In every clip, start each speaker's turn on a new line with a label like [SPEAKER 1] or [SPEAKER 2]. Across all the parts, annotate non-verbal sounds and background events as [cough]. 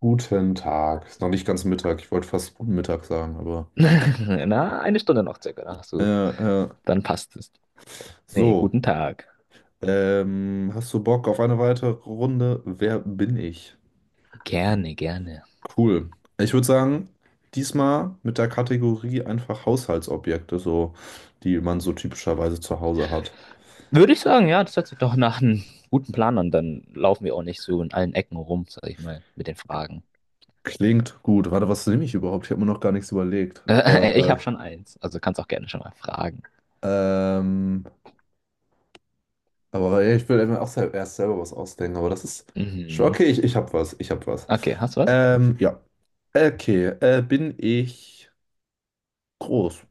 [SPEAKER 1] Guten Tag. Ist noch nicht ganz Mittag. Ich wollte fast guten Mittag sagen, aber.
[SPEAKER 2] [laughs] Na, eine Stunde noch circa, da hast
[SPEAKER 1] Äh,
[SPEAKER 2] du.
[SPEAKER 1] äh,
[SPEAKER 2] Dann passt es. Nee,
[SPEAKER 1] so.
[SPEAKER 2] guten Tag.
[SPEAKER 1] Hast du Bock auf eine weitere Runde? Wer bin ich?
[SPEAKER 2] Gerne, gerne.
[SPEAKER 1] Cool. Ich würde sagen, diesmal mit der Kategorie einfach Haushaltsobjekte, so, die man so typischerweise zu Hause hat.
[SPEAKER 2] Würde ich sagen, ja, das hört sich doch nach einem guten Plan an. Dann laufen wir auch nicht so in allen Ecken rum, sag ich mal, mit den Fragen.
[SPEAKER 1] Klingt gut. Warte, was nehme ich überhaupt? Ich habe mir noch gar nichts überlegt.
[SPEAKER 2] [laughs] Ich habe schon eins, also kannst auch gerne schon mal fragen.
[SPEAKER 1] Ähm. Aber ja, ich will eben auch erst selber was ausdenken, aber das ist schon
[SPEAKER 2] Mhm.
[SPEAKER 1] okay, ich hab was, ich hab was.
[SPEAKER 2] Okay, hast du was?
[SPEAKER 1] Ja. Okay, bin ich groß?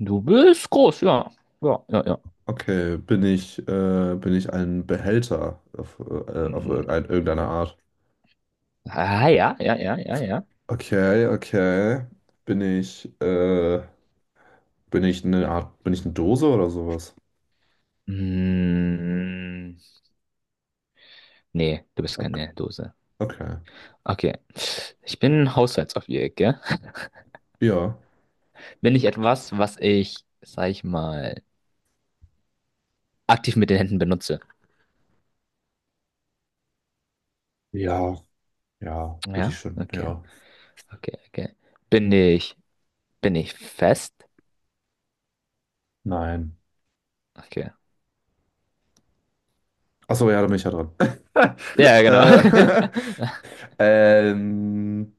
[SPEAKER 2] Du bist groß, ja. Ja, ja, ja.
[SPEAKER 1] Okay, bin ich ein Behälter auf
[SPEAKER 2] Hm.
[SPEAKER 1] irgendeine Art?
[SPEAKER 2] Ah, ja, ja, ja, ja, ja.
[SPEAKER 1] Okay, okay. Bin ich, äh, bin ich eine Art, bin ich eine Dose oder sowas?
[SPEAKER 2] Hm. Nee, du bist
[SPEAKER 1] Okay.
[SPEAKER 2] keine Dose.
[SPEAKER 1] Okay.
[SPEAKER 2] Okay. Ich bin Haushaltsobjekt, gell?
[SPEAKER 1] Ja.
[SPEAKER 2] Bin ich etwas, was ich, sag ich mal, aktiv mit den Händen benutze?
[SPEAKER 1] Ja, ja, würde ich
[SPEAKER 2] Ja,
[SPEAKER 1] schon,
[SPEAKER 2] okay,
[SPEAKER 1] ja.
[SPEAKER 2] okay, okay. Bin ich, bin ich fest?
[SPEAKER 1] Nein.
[SPEAKER 2] Okay.
[SPEAKER 1] Achso, ja, da bin ich ja dran. [laughs]
[SPEAKER 2] Ja, genau.
[SPEAKER 1] äh,
[SPEAKER 2] [laughs]
[SPEAKER 1] [laughs] Ähm,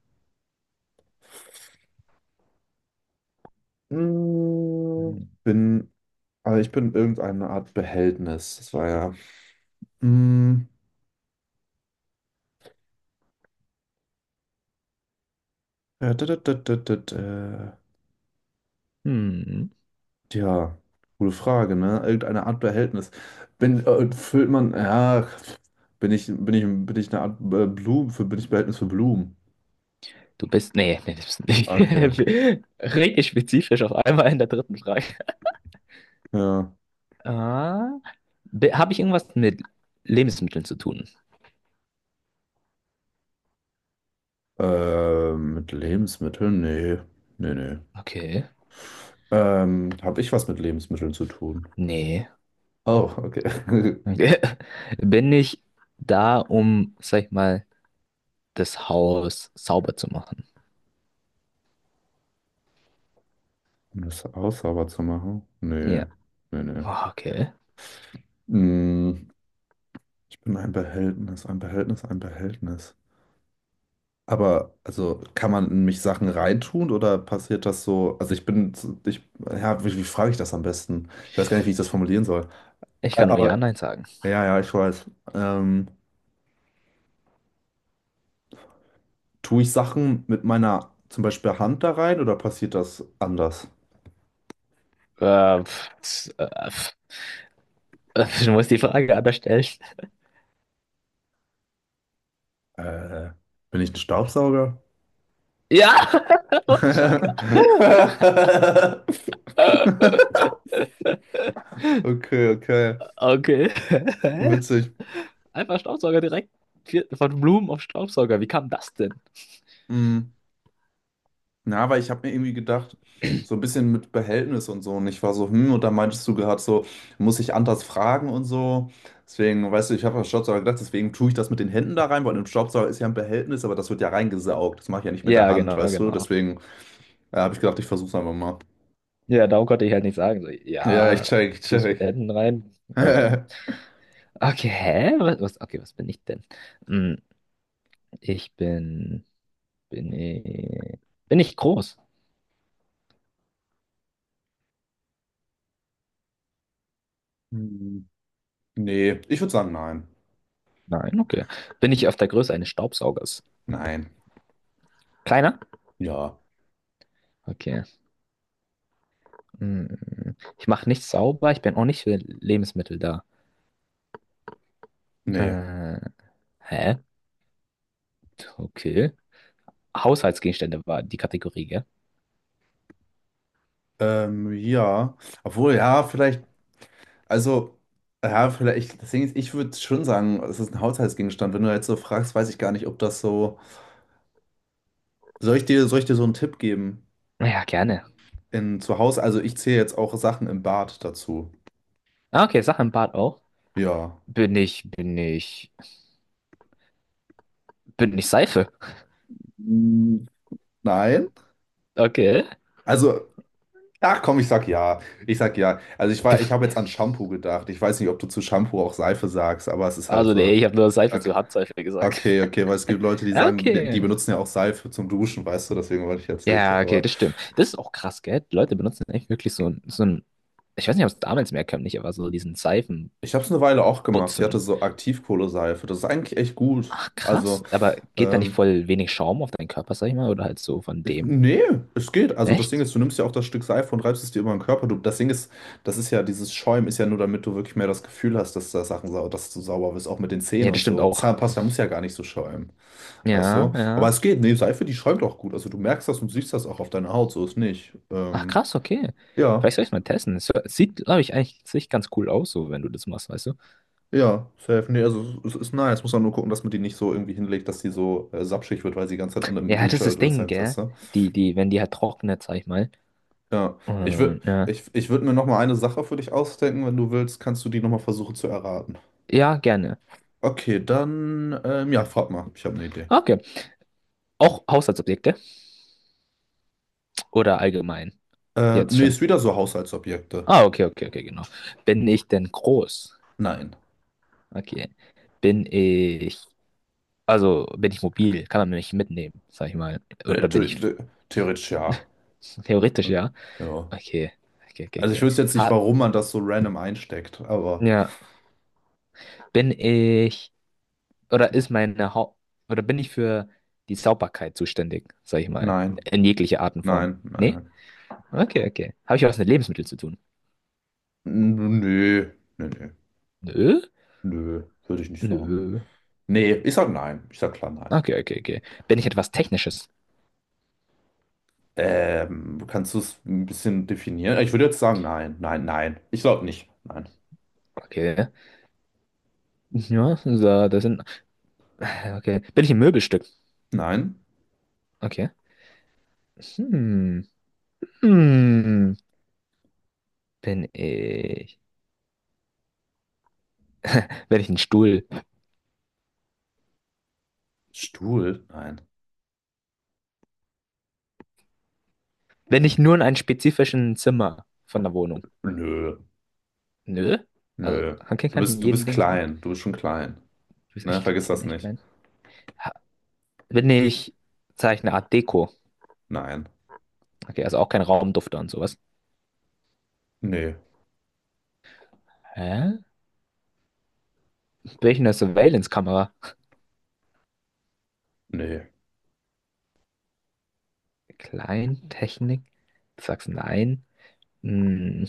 [SPEAKER 1] mh, bin, also ich bin irgendeine Art Behältnis. Das war ja. Mh, ja da.
[SPEAKER 2] Hm.
[SPEAKER 1] Tja, gute Frage, ne? Irgendeine Art Behältnis. Füllt man, ja, bin ich eine Art Blumen, für, bin ich Behältnis für Blumen?
[SPEAKER 2] Nee, nee, das bist du nicht.
[SPEAKER 1] Okay.
[SPEAKER 2] [laughs] Richtig spezifisch auf einmal in der dritten Frage.
[SPEAKER 1] Ja.
[SPEAKER 2] Ah, habe ich irgendwas mit Lebensmitteln zu tun?
[SPEAKER 1] Mit Lebensmitteln? Nee. Nee, nee.
[SPEAKER 2] Okay.
[SPEAKER 1] Habe ich was mit Lebensmitteln zu tun?
[SPEAKER 2] Nee.
[SPEAKER 1] Oh, okay. [laughs]
[SPEAKER 2] Okay. [laughs] Bin ich da, um, sag ich mal, das Haus sauber zu machen?
[SPEAKER 1] Um das Haus sauber zu machen? Nee,
[SPEAKER 2] Ja.
[SPEAKER 1] nee.
[SPEAKER 2] Ah, okay.
[SPEAKER 1] Mm, ich bin ein Behältnis, ein Behältnis. Aber, also, kann man in mich Sachen reintun oder passiert das so? Also, ich bin, zu- ich, ja, wie frage ich das am besten? Ich weiß gar nicht, wie ich das formulieren soll.
[SPEAKER 2] Ich kann nur Ja,
[SPEAKER 1] Aber,
[SPEAKER 2] Nein sagen.
[SPEAKER 1] ja, ich weiß. Ähm, tue ich Sachen mit meiner, zum Beispiel Hand da rein oder passiert das anders?
[SPEAKER 2] Äh, pf, s- äh, pf, du musst die Frage anders stellen.
[SPEAKER 1] Äh, bin ich ein Staubsauger?
[SPEAKER 2] Ja! [laughs] What the fuck?
[SPEAKER 1] [laughs] Okay, okay.
[SPEAKER 2] Okay. [laughs] Hä?
[SPEAKER 1] Witzig.
[SPEAKER 2] Einfach Staubsauger direkt von Blumen auf Staubsauger. Wie kam das denn?
[SPEAKER 1] Mhm. Na, aber ich habe mir irgendwie gedacht, so ein bisschen mit Behältnis und so. Und ich war so, hm, und da meintest du gerade so, muss ich anders fragen und so. Deswegen, weißt du, ich habe an Staubsauger gedacht, deswegen tue ich das mit den Händen da rein, weil im Staubsauger ist ja ein Behältnis, aber das wird ja reingesaugt. Das mache ich ja nicht mit der
[SPEAKER 2] Ja,
[SPEAKER 1] Hand,
[SPEAKER 2] genau,
[SPEAKER 1] weißt du?
[SPEAKER 2] genau.
[SPEAKER 1] Deswegen habe ich gedacht, ich versuche es einfach mal.
[SPEAKER 2] Ja, darum konnte ich halt nicht sagen. So,
[SPEAKER 1] Ja,
[SPEAKER 2] ja,
[SPEAKER 1] ich
[SPEAKER 2] tu es mit
[SPEAKER 1] check.
[SPEAKER 2] den Händen rein.
[SPEAKER 1] [laughs]
[SPEAKER 2] Okay, hä? Okay, was bin ich denn? Hm, ich bin. Bin ich. Bin ich groß?
[SPEAKER 1] Hm, nee, ich würde sagen, nein.
[SPEAKER 2] Nein, okay. Bin ich auf der Größe eines Staubsaugers?
[SPEAKER 1] Nein.
[SPEAKER 2] Kleiner?
[SPEAKER 1] Ja.
[SPEAKER 2] Okay. Hm. Ich mache nichts sauber, ich bin auch nicht für Lebensmittel da.
[SPEAKER 1] Nee.
[SPEAKER 2] Äh, hä? Okay. Haushaltsgegenstände war die Kategorie, gell?
[SPEAKER 1] Ja. Obwohl, ja, vielleicht. Also, ja, vielleicht, das Ding ist, ich würde schon sagen, es ist ein Haushaltsgegenstand. Wenn du jetzt so fragst, weiß ich gar nicht, ob das so. Soll ich dir so einen Tipp geben?
[SPEAKER 2] Ja, gerne.
[SPEAKER 1] In, zu Hause, also ich zähle jetzt auch Sachen im Bad dazu.
[SPEAKER 2] Ah, okay, Sache im Bad auch.
[SPEAKER 1] Ja.
[SPEAKER 2] Bin ich, bin ich, bin ich Seife.
[SPEAKER 1] Hm, nein?
[SPEAKER 2] Okay.
[SPEAKER 1] Also, ach komm, ich sag ja. Ich sag ja.
[SPEAKER 2] [laughs] Du-
[SPEAKER 1] Ich habe jetzt an Shampoo gedacht. Ich weiß nicht, ob du zu Shampoo auch Seife sagst, aber es ist halt
[SPEAKER 2] Also, nee,
[SPEAKER 1] so.
[SPEAKER 2] ich habe nur Seife
[SPEAKER 1] Okay,
[SPEAKER 2] zu Handseife gesagt.
[SPEAKER 1] okay, weil es gibt Leute, die
[SPEAKER 2] Ja,
[SPEAKER 1] sagen,
[SPEAKER 2] okay.
[SPEAKER 1] die benutzen ja auch Seife zum Duschen, weißt du, deswegen wollte ich jetzt nicht.
[SPEAKER 2] Ja, okay, das stimmt. Das ist auch krass, gell? Die Leute benutzen echt wirklich so, so ein, ich weiß nicht, ob es damals mehr kömmlich, aber so diesen Seifenputzen.
[SPEAKER 1] Ich habe es eine Weile auch gemacht. Ich hatte so Aktivkohleseife. Das ist eigentlich echt gut.
[SPEAKER 2] Ach, krass.
[SPEAKER 1] Also,
[SPEAKER 2] Aber geht da nicht
[SPEAKER 1] ähm,
[SPEAKER 2] voll wenig Schaum auf deinen Körper, sag ich mal? Oder halt so von dem.
[SPEAKER 1] nee, es geht. Also das Ding
[SPEAKER 2] Echt?
[SPEAKER 1] ist, du nimmst ja auch das Stück Seife und reibst es dir über den Körper. Du, das Ding ist, das ist ja, dieses Schäumen ist ja nur, damit du wirklich mehr das Gefühl hast, dass da Sachen sau, dass du sauber bist, auch mit den Zähnen
[SPEAKER 2] Ja,
[SPEAKER 1] und
[SPEAKER 2] das stimmt
[SPEAKER 1] so.
[SPEAKER 2] auch.
[SPEAKER 1] Zahnpasta muss ja gar nicht so schäumen. Weißt
[SPEAKER 2] Ja,
[SPEAKER 1] du? Aber
[SPEAKER 2] ja.
[SPEAKER 1] es geht. Nee, Seife, die schäumt auch gut. Also du merkst das und siehst das auch auf deiner Haut, so ist nicht.
[SPEAKER 2] Ach, krass, okay.
[SPEAKER 1] Ja.
[SPEAKER 2] Vielleicht soll ich es mal testen. Es sieht, glaube ich, eigentlich sieht ganz cool aus, so, wenn du das machst, weißt du?
[SPEAKER 1] Ja, safe. Nee, also es ist nice. Muss man nur gucken, dass man die nicht so irgendwie hinlegt, dass die so sapschig wird, weil sie die ganze Zeit unter dem
[SPEAKER 2] Ja, das
[SPEAKER 1] Dusch
[SPEAKER 2] ist das
[SPEAKER 1] hält oder
[SPEAKER 2] Ding,
[SPEAKER 1] Sex ist.
[SPEAKER 2] gell?
[SPEAKER 1] Ne?
[SPEAKER 2] Wenn die halt trocknet, sag ich mal.
[SPEAKER 1] Ja.
[SPEAKER 2] Und, ja.
[SPEAKER 1] Ich würd mir nochmal eine Sache für dich ausdenken. Wenn du willst, kannst du die nochmal versuchen zu erraten.
[SPEAKER 2] Ja, gerne.
[SPEAKER 1] Okay, dann, ja, frag mal. Ich habe eine Idee.
[SPEAKER 2] Okay. Auch Haushaltsobjekte? Oder allgemein? Jetzt
[SPEAKER 1] Nee,
[SPEAKER 2] schon.
[SPEAKER 1] ist wieder so Haushaltsobjekte.
[SPEAKER 2] Ah, okay, okay, okay, genau. Bin ich denn groß?
[SPEAKER 1] Nein.
[SPEAKER 2] Okay. Bin ich. Also bin ich mobil, kann man mich mitnehmen, sag ich mal.
[SPEAKER 1] Äh,
[SPEAKER 2] Oder bin
[SPEAKER 1] the-
[SPEAKER 2] ich
[SPEAKER 1] the- Theoretisch ja.
[SPEAKER 2] [laughs] theoretisch,
[SPEAKER 1] Hm,
[SPEAKER 2] ja.
[SPEAKER 1] ja.
[SPEAKER 2] Okay, okay, okay,
[SPEAKER 1] Also ich
[SPEAKER 2] okay.
[SPEAKER 1] wüsste jetzt nicht,
[SPEAKER 2] Ha,
[SPEAKER 1] warum man das so random einsteckt, aber
[SPEAKER 2] ja, bin ich oder ist meine Haupt oder bin ich für die Sauberkeit zuständig, sag ich mal,
[SPEAKER 1] nein,
[SPEAKER 2] in jeglicher Art und Form. Nee?
[SPEAKER 1] nein.
[SPEAKER 2] Okay, okay. Habe ich was mit Lebensmitteln zu tun?
[SPEAKER 1] Nö, nö.
[SPEAKER 2] Nö?
[SPEAKER 1] Nö, würde ich nicht sagen.
[SPEAKER 2] Nö.
[SPEAKER 1] Nee, ich sag nein. Ich sag klar nein.
[SPEAKER 2] Okay, okay, okay. Bin ich etwas Technisches?
[SPEAKER 1] Kannst du es ein bisschen definieren? Ich würde jetzt sagen nein, nein. Ich glaube nicht. Nein.
[SPEAKER 2] Okay. Ja, so, das sind. Okay. Bin ich ein Möbelstück?
[SPEAKER 1] Nein?
[SPEAKER 2] Okay. Hm. Hm. Bin ich. Wenn ich einen Stuhl?
[SPEAKER 1] Stuhl? Nein.
[SPEAKER 2] Wenn ich nur in einem spezifischen Zimmer von der Wohnung?
[SPEAKER 1] Nö,
[SPEAKER 2] Nö. Also,
[SPEAKER 1] nö.
[SPEAKER 2] Hankin kann ich in
[SPEAKER 1] Du
[SPEAKER 2] jedem
[SPEAKER 1] bist
[SPEAKER 2] Ding sein.
[SPEAKER 1] klein. Du bist schon klein.
[SPEAKER 2] Du bist
[SPEAKER 1] Ne,
[SPEAKER 2] echt,
[SPEAKER 1] vergiss
[SPEAKER 2] ich bin
[SPEAKER 1] das
[SPEAKER 2] echt
[SPEAKER 1] nicht.
[SPEAKER 2] klein. Ha- Bin ich, sag ich, eine Art Deko?
[SPEAKER 1] Nein.
[SPEAKER 2] Okay, also auch kein Raumdufter und sowas.
[SPEAKER 1] Nee,
[SPEAKER 2] Hä? Bin ich eine Surveillance-Kamera?
[SPEAKER 1] nee.
[SPEAKER 2] Kleintechnik? Du sagst nein. Hm.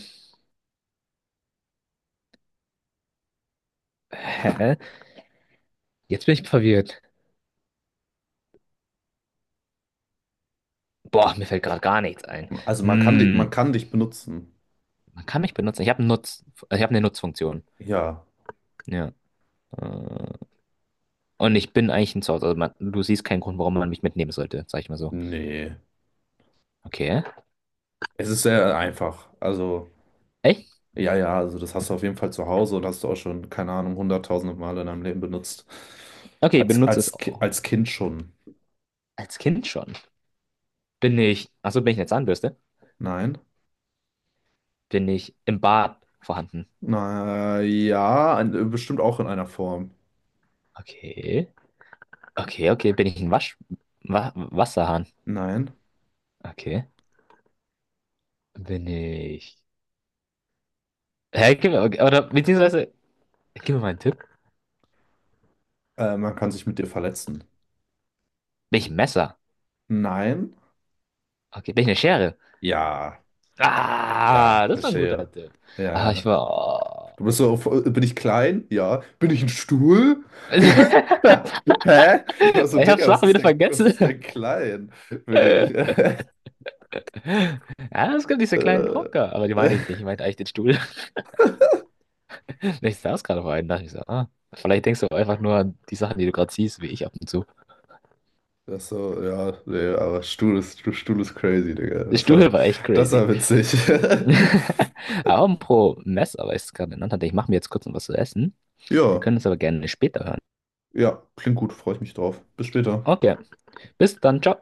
[SPEAKER 2] Hä? Jetzt bin ich verwirrt. Boah, mir fällt gerade gar nichts ein.
[SPEAKER 1] Also man
[SPEAKER 2] Hm.
[SPEAKER 1] kann dich benutzen.
[SPEAKER 2] Man kann mich benutzen. Ich habe einen Nutz, ich habe eine Nutzfunktion.
[SPEAKER 1] Ja.
[SPEAKER 2] Ja. Äh, und ich bin eigentlich ein Zorn. Also man, du siehst keinen Grund, warum man mich mitnehmen sollte, sag ich mal so.
[SPEAKER 1] Nee.
[SPEAKER 2] Okay.
[SPEAKER 1] Es ist sehr einfach. Also.
[SPEAKER 2] Echt?
[SPEAKER 1] Ja, ja, also das hast du auf jeden Fall zu Hause und hast du auch schon, keine Ahnung, hunderttausende Male in deinem Leben benutzt.
[SPEAKER 2] Okay, ich benutze es auch
[SPEAKER 1] Als Kind schon.
[SPEAKER 2] als Kind schon. Bin ich, achso, bin ich eine Zahnbürste?
[SPEAKER 1] Nein.
[SPEAKER 2] Bin ich im Bad vorhanden?
[SPEAKER 1] Na ja, bestimmt auch in einer Form.
[SPEAKER 2] Okay. Okay, okay. Bin ich ein Wasch, Wa Wasserhahn?
[SPEAKER 1] Nein.
[SPEAKER 2] Okay. Bin ich. Hä, gib mir, okay, oder beziehungsweise, gib mir mal einen Tipp.
[SPEAKER 1] Man kann sich mit dir verletzen.
[SPEAKER 2] Bin ich ein Messer?
[SPEAKER 1] Nein.
[SPEAKER 2] Okay. Bin ich eine Schere?
[SPEAKER 1] Ja, ja,
[SPEAKER 2] Ah,
[SPEAKER 1] eine
[SPEAKER 2] das war ein guter
[SPEAKER 1] Schere.
[SPEAKER 2] Tipp.
[SPEAKER 1] Ja,
[SPEAKER 2] Ah, ich
[SPEAKER 1] ja.
[SPEAKER 2] war.
[SPEAKER 1] Du bist so, auf- bin ich klein? Ja. Bin ich ein Stuhl? [laughs]
[SPEAKER 2] [laughs]
[SPEAKER 1] Hä? Ich war so,
[SPEAKER 2] Ich hab's
[SPEAKER 1] Digga,
[SPEAKER 2] Sachen wieder
[SPEAKER 1] was
[SPEAKER 2] vergessen.
[SPEAKER 1] ist denn klein? Bin ich.
[SPEAKER 2] [laughs]
[SPEAKER 1] [laughs]
[SPEAKER 2] Ja, es gibt diese kleinen
[SPEAKER 1] Äh,
[SPEAKER 2] Hocker, aber die meine ich
[SPEAKER 1] [laughs]
[SPEAKER 2] nicht. Ich meinte eigentlich den Stuhl. [laughs] Ich saß gerade auf einem, dachte ich so, ah, vielleicht denkst du einfach nur an die Sachen, die du gerade siehst, wie ich ab und zu.
[SPEAKER 1] Ach so, ja, nee, aber Stuhl ist crazy, Digga.
[SPEAKER 2] Der Stuhl war echt
[SPEAKER 1] Das war
[SPEAKER 2] crazy.
[SPEAKER 1] witzig.
[SPEAKER 2] [laughs]
[SPEAKER 1] [laughs]
[SPEAKER 2] Aber pro Mess, aber ich es gerade genannt hatte, ich mache mir jetzt kurz noch was zu essen. Wir
[SPEAKER 1] Ja,
[SPEAKER 2] können es aber gerne später hören.
[SPEAKER 1] ja, klingt gut, freue ich mich drauf. Bis später.
[SPEAKER 2] Okay, bis dann, ciao.